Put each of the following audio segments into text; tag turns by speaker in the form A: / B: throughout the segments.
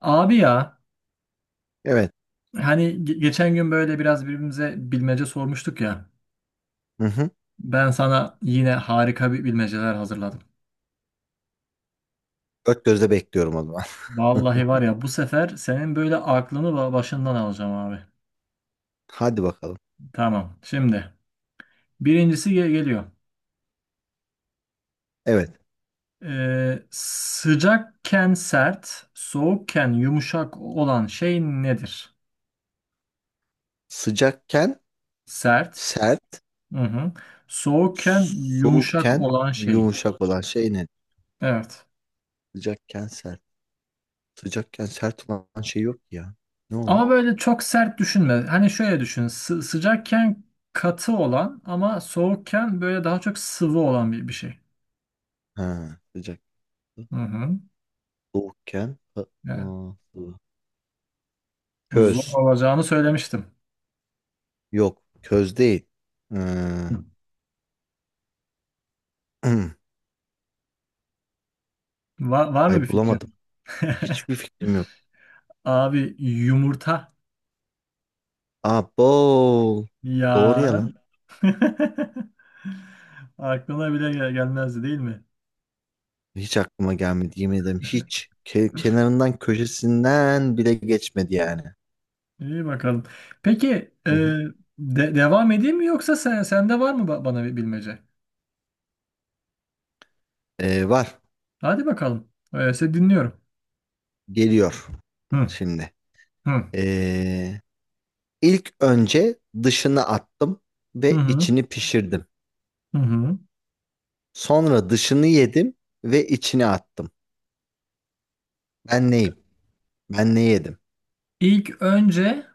A: Abi ya,
B: Evet.
A: hani geçen gün böyle biraz birbirimize bilmece sormuştuk ya.
B: Hı hı.
A: Ben sana yine harika bir bilmeceler hazırladım.
B: Dört gözle bekliyorum o zaman.
A: Vallahi var ya, bu sefer senin böyle aklını başından alacağım abi.
B: Hadi bakalım.
A: Tamam. Şimdi birincisi geliyor.
B: Evet.
A: Sıcakken sert, soğukken yumuşak olan şey nedir?
B: Sıcakken
A: Sert.
B: sert,
A: Hı hı. Soğukken yumuşak
B: soğukken
A: olan şey.
B: yumuşak olan şey ne?
A: Evet.
B: Sıcakken sert. Sıcakken sert olan şey yok ki ya. Ne olan?
A: Ama böyle çok sert düşünme. Hani şöyle düşün. Sıcakken katı olan ama soğukken böyle daha çok sıvı olan bir şey.
B: Ha, sıcak.
A: Hı hı.
B: Soğukken ha,
A: Yani
B: ıı,
A: zor
B: köz.
A: olacağını söylemiştim.
B: Yok, köz değil. Ee,
A: Hı. Var
B: ay
A: mı bir
B: bulamadım.
A: fikrin?
B: Hiçbir fikrim yok.
A: Abi, yumurta.
B: Aa, bol. Doğru ya
A: Ya.
B: lan.
A: Aklına bile gelmezdi değil mi?
B: Hiç aklıma gelmedi yemin ederim hiç. Kenarından köşesinden bile geçmedi yani.
A: İyi bakalım. Peki e,
B: Hı hı.
A: devam edeyim mi, yoksa sende var mı bana bir bilmece?
B: Var
A: Hadi bakalım. Öyleyse dinliyorum.
B: geliyor
A: Hı
B: şimdi.
A: hı.
B: Ee, ilk önce dışını attım
A: Hı
B: ve
A: hı.
B: içini pişirdim.
A: Hı hı.
B: Sonra dışını yedim ve içini attım. Ben neyim? Ben ne yedim?
A: İlk önce,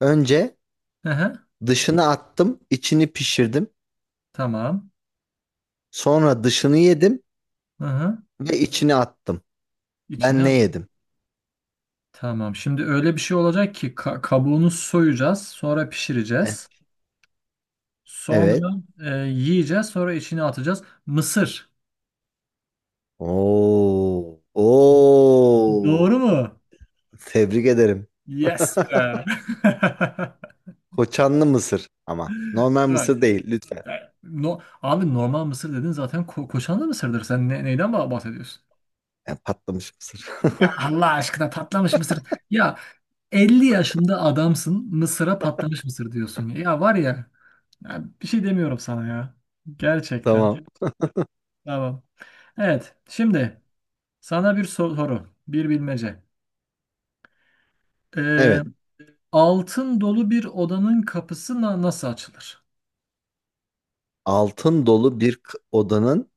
B: Önce
A: hı hı,
B: dışını attım, içini pişirdim.
A: tamam.
B: Sonra dışını yedim
A: Hı hı.
B: ve içini attım.
A: İçine
B: Ben ne
A: al.
B: yedim?
A: Tamam. Şimdi öyle bir şey olacak ki kabuğunu soyacağız, sonra
B: Heh,
A: pişireceğiz.
B: evet.
A: Sonra yiyeceğiz, sonra içine atacağız. Mısır.
B: Oo, oo.
A: Doğru mu?
B: Tebrik ederim.
A: Yes be.
B: Koçanlı mısır ama. Normal
A: Bak,
B: mısır değil lütfen.
A: e, no, abi normal mısır dedin, zaten koşanlı mısırdır. Sen neyden bahsediyorsun?
B: Yani patlamış mısır.
A: Ya Allah aşkına, patlamış mısır. Ya, 50 yaşında adamsın, mısıra patlamış mısır diyorsun. Ya, var ya. Ya, bir şey demiyorum sana ya. Gerçekten.
B: Tamam.
A: Tamam. Evet. Şimdi sana bir soru. Bir bilmece. Ee,
B: Evet.
A: altın dolu bir odanın kapısı nasıl açılır?
B: Altın dolu bir odanın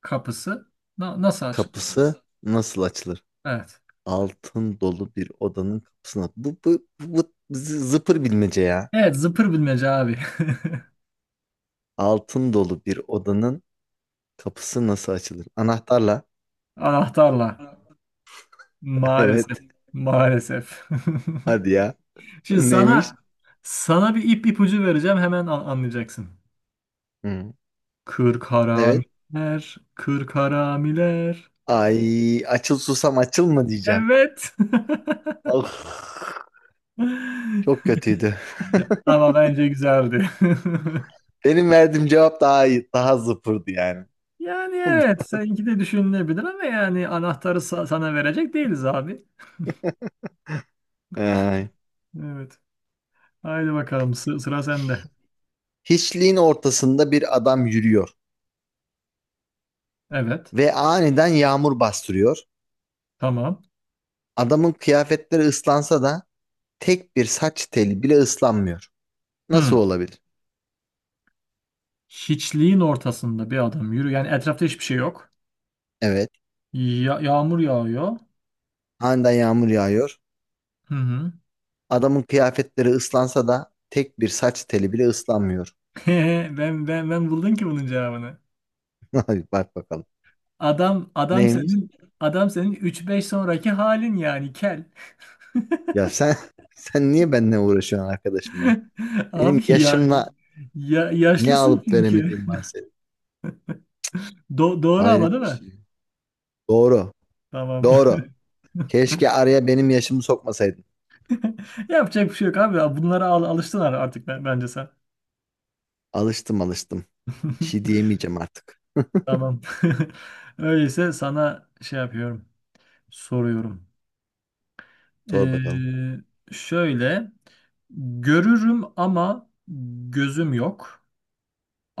A: Kapısı nasıl açılır?
B: kapısı nasıl açılır?
A: Evet.
B: Altın dolu bir odanın kapısına. Bu zıpır bilmece ya.
A: Evet. Zıpır bilmece abi.
B: Altın dolu bir odanın kapısı nasıl açılır? Anahtarla.
A: Anahtarla. Maalesef.
B: Evet.
A: Maalesef.
B: Hadi ya.
A: Şimdi
B: Neymiş?
A: sana bir ipucu vereceğim. Hemen anlayacaksın.
B: Hı.
A: Kırk
B: Evet.
A: haramiler. Kırk haramiler.
B: Ay açıl susam açıl mı diyeceğim.
A: Evet.
B: Of, çok kötüydü.
A: Ama bence güzeldi.
B: Benim verdiğim cevap daha iyi, daha zıpırdı yani.
A: Yani evet, seninki de düşünülebilir ama yani anahtarı sana verecek değiliz abi.
B: Ay.
A: Evet. Haydi bakalım, sıra sende.
B: Hiçliğin ortasında bir adam yürüyor
A: Evet.
B: ve aniden yağmur bastırıyor.
A: Tamam.
B: Adamın kıyafetleri ıslansa da tek bir saç teli bile ıslanmıyor. Nasıl
A: Hmm.
B: olabilir?
A: Hiçliğin ortasında bir adam yürü. Yani etrafta hiçbir şey yok.
B: Evet,
A: Yağmur yağıyor.
B: aniden yağmur yağıyor.
A: Hı hı.
B: Adamın kıyafetleri ıslansa da tek bir saç teli bile ıslanmıyor.
A: Ben buldum ki bunun cevabını.
B: Ay, bak bakalım.
A: Adam adam
B: Neymiş?
A: senin adam senin üç beş sonraki halin, yani kel.
B: Ya sen sen niye benimle uğraşıyorsun arkadaşım ya? Benim
A: Abi ya,
B: yaşımla
A: ya
B: ne
A: yaşlısın
B: alıp
A: çünkü.
B: veremediğim var senin.
A: Doğru ama, değil
B: Hayret bir
A: mi?
B: şey. Doğru.
A: Tamam.
B: Doğru. Keşke araya benim yaşımı sokmasaydın.
A: Yapacak bir şey yok abi. Bunlara alıştın artık bence sen.
B: Alıştım alıştım. Bir şey diyemeyeceğim artık.
A: Tamam. Öyleyse sana şey yapıyorum. Soruyorum.
B: Sor
A: Ee,
B: bakalım.
A: şöyle. Görürüm ama gözüm yok.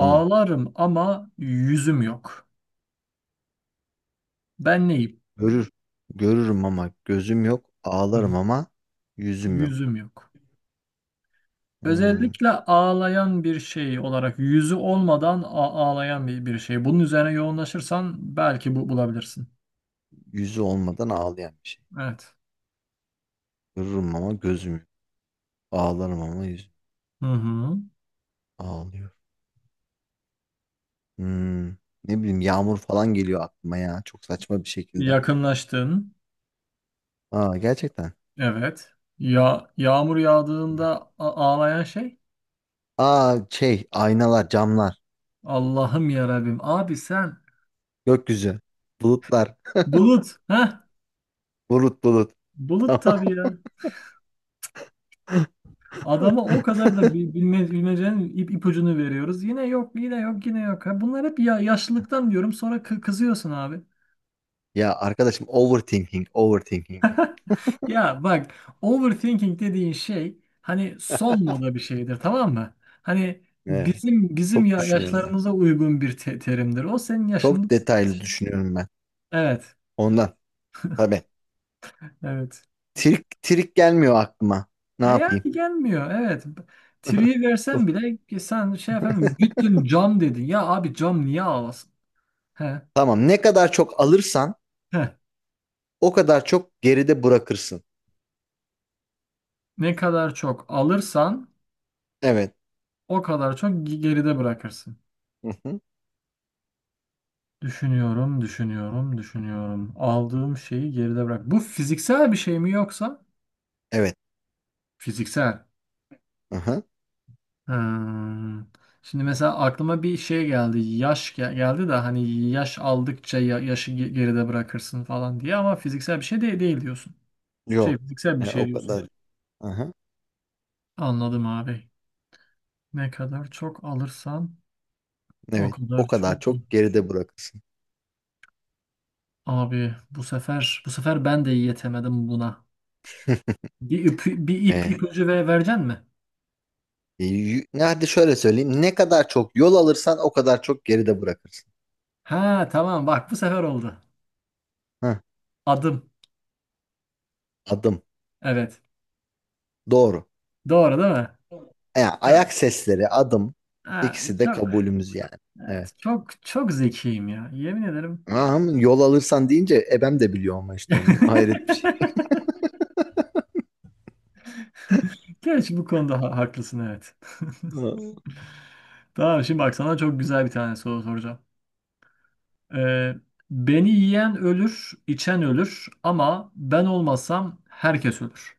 B: Hı.
A: ama yüzüm yok. Ben neyim?
B: Görür. Görürüm ama gözüm yok.
A: Hı hı.
B: Ağlarım ama yüzüm yok.
A: Yüzüm yok.
B: Hı.
A: Özellikle ağlayan bir şey olarak, yüzü olmadan ağlayan bir şey. Bunun üzerine yoğunlaşırsan belki bu bulabilirsin.
B: Yüzü olmadan ağlayan bir şey.
A: Evet.
B: Görürüm ama gözüm yok. Ağlarım ama yüzüm
A: Hı hı.
B: ağlıyor. Hı. Ne bileyim yağmur falan geliyor aklıma ya. Çok saçma bir şekilde.
A: Yakınlaştın.
B: Aa gerçekten.
A: Evet. Ya yağmur yağdığında ağlayan şey?
B: Aa şey aynalar, camlar,
A: Allah'ım ya Rabbim. Abi sen,
B: gökyüzü, bulutlar,
A: bulut. Heh.
B: bulut bulut.
A: Bulut
B: Tamam.
A: tabii ya. Adama o kadar da bilmecenin ipucunu veriyoruz. Yine yok, yine yok, yine yok. Ha, bunlar hep ya, yaşlılıktan diyorum. Sonra kızıyorsun abi.
B: Ya arkadaşım overthinking, overthinking.
A: Ya bak, overthinking dediğin şey hani son moda bir şeydir, tamam mı? Hani
B: Evet.
A: bizim
B: Çok
A: ya-
B: düşünüyorum ben.
A: yaşlarımıza uygun bir terimdir. O senin yaşında
B: Çok detaylı düşünüyorum ben.
A: evet,
B: Ondan tabii.
A: evet.
B: Trik, trik gelmiyor aklıma. Ne
A: Yani
B: yapayım?
A: gelmiyor evet. Tri'yi
B: Çok.
A: versen bile ki sen şey yapamıyorsun. Gittin cam dedin. Ya abi, cam niye alasın? He,
B: Tamam. Ne kadar çok alırsan
A: he.
B: o kadar çok geride bırakırsın.
A: Ne kadar çok alırsan
B: Evet.
A: o kadar çok geride bırakırsın.
B: Hı-hı.
A: Düşünüyorum, düşünüyorum, düşünüyorum. Aldığım şeyi geride bırak. Bu fiziksel bir şey mi yoksa?
B: Evet.
A: Fiziksel.
B: Hı-hı.
A: Hmm. Şimdi mesela aklıma bir şey geldi. Yaş geldi de hani yaş aldıkça yaşı geride bırakırsın falan diye, ama fiziksel bir şey de değil diyorsun. Şey
B: Yok.
A: fiziksel bir
B: E,
A: şey
B: o
A: diyorsun.
B: kadar. Hı-hı.
A: Anladım abi. Ne kadar çok alırsan o
B: Evet.
A: kadar
B: O kadar
A: çok. İyi.
B: çok geride bırakırsın.
A: Abi bu sefer ben de yetemedim buna. Bir ip, bir ip
B: E,
A: ipucu ve vereceksin mi?
B: E, y- ne Hadi şöyle söyleyeyim. Ne kadar çok yol alırsan o kadar çok geride bırakırsın.
A: Ha tamam, bak bu sefer oldu.
B: Heh,
A: Adım.
B: adım.
A: Evet.
B: Doğru.
A: Doğru değil mi?
B: Yani
A: Ya.
B: ayak sesleri, adım.
A: Ha,
B: İkisi de evet,
A: çok.
B: kabulümüz yani. Evet.
A: Evet, çok çok zekiyim ya. Yemin ederim.
B: Aha, yol alırsan deyince ebem de biliyor ama işte onu. Hayret bir şey.
A: Gerçi bu konuda haklısın evet.
B: Ha.
A: Tamam, şimdi bak sana çok güzel bir tane soru soracağım. Ee, beni yiyen ölür, içen ölür, ama ben olmasam herkes ölür.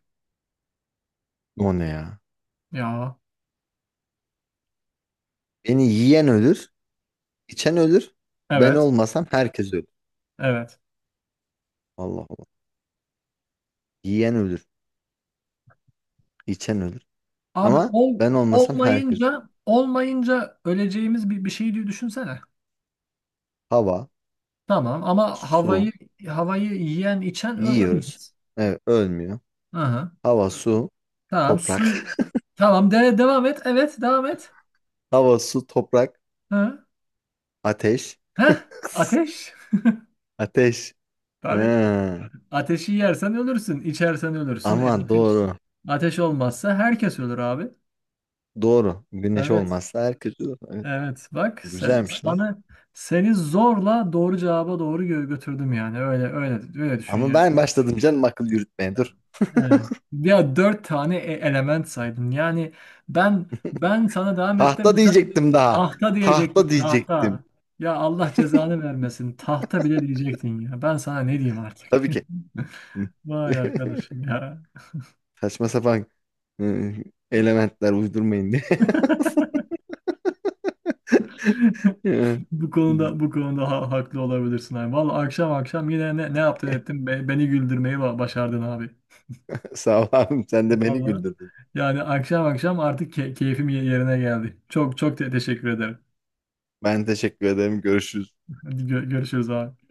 B: O ne ya?
A: Ya
B: Beni yiyen ölür, içen ölür. Ben
A: evet,
B: olmasam herkes ölür.
A: evet.
B: Allah Allah. Yiyen ölür, içen ölür.
A: Abi
B: Ama
A: ol,
B: ben olmasam herkes ölür.
A: olmayınca olmayınca öleceğimiz bir şey diye düşünsene.
B: Hava,
A: Tamam ama havayı
B: su,
A: havayı yiyen içen ö-
B: yiyoruz.
A: ölmez.
B: Evet, ölmüyor.
A: Aha.
B: Hava, su,
A: Tamam, su.
B: toprak.
A: Tamam, devam et. Evet, devam et.
B: Hava, su, toprak,
A: Ha.
B: ateş.
A: Heh, ateş.
B: Ateş.
A: Tabii.
B: Ha.
A: Ateşi yersen ölürsün. İçersen ölürsün. E,
B: Ama
A: ateş.
B: doğru.
A: Ateş olmazsa herkes ölür abi.
B: Doğru. Güneş
A: Evet.
B: olmazsa herkes... Evet,
A: Evet. Bak, se-
B: güzelmiş lan.
A: sana seni zorla doğru cevaba doğru götürdüm yani. Öyle öyle öyle düşün
B: Ama
A: yani.
B: ben başladım canım akıl yürütmeye. Dur.
A: Evet. Ya, dört tane element saydın. Yani ben ben sana devam ettim.
B: Tahta
A: Mesela
B: diyecektim daha.
A: tahta
B: Tahta
A: diyecektin, tahta.
B: diyecektim.
A: Ya Allah cezanı vermesin. Tahta bile diyecektin ya. Ben sana ne diyeyim artık?
B: Tabii ki.
A: Vay arkadaşım ya.
B: Saçma sapan hı, elementler uydurmayın diye.
A: Bu konuda haklı olabilirsin abi. Vallahi akşam akşam yine ne yaptın ettin? Beni güldürmeyi başardın abi.
B: Sağ ol abim. Sen de beni
A: Vallahi
B: güldürdün.
A: yani akşam akşam artık keyfim yerine geldi. Çok çok teşekkür ederim.
B: Ben teşekkür ederim. Görüşürüz.
A: Hadi görüşürüz abi.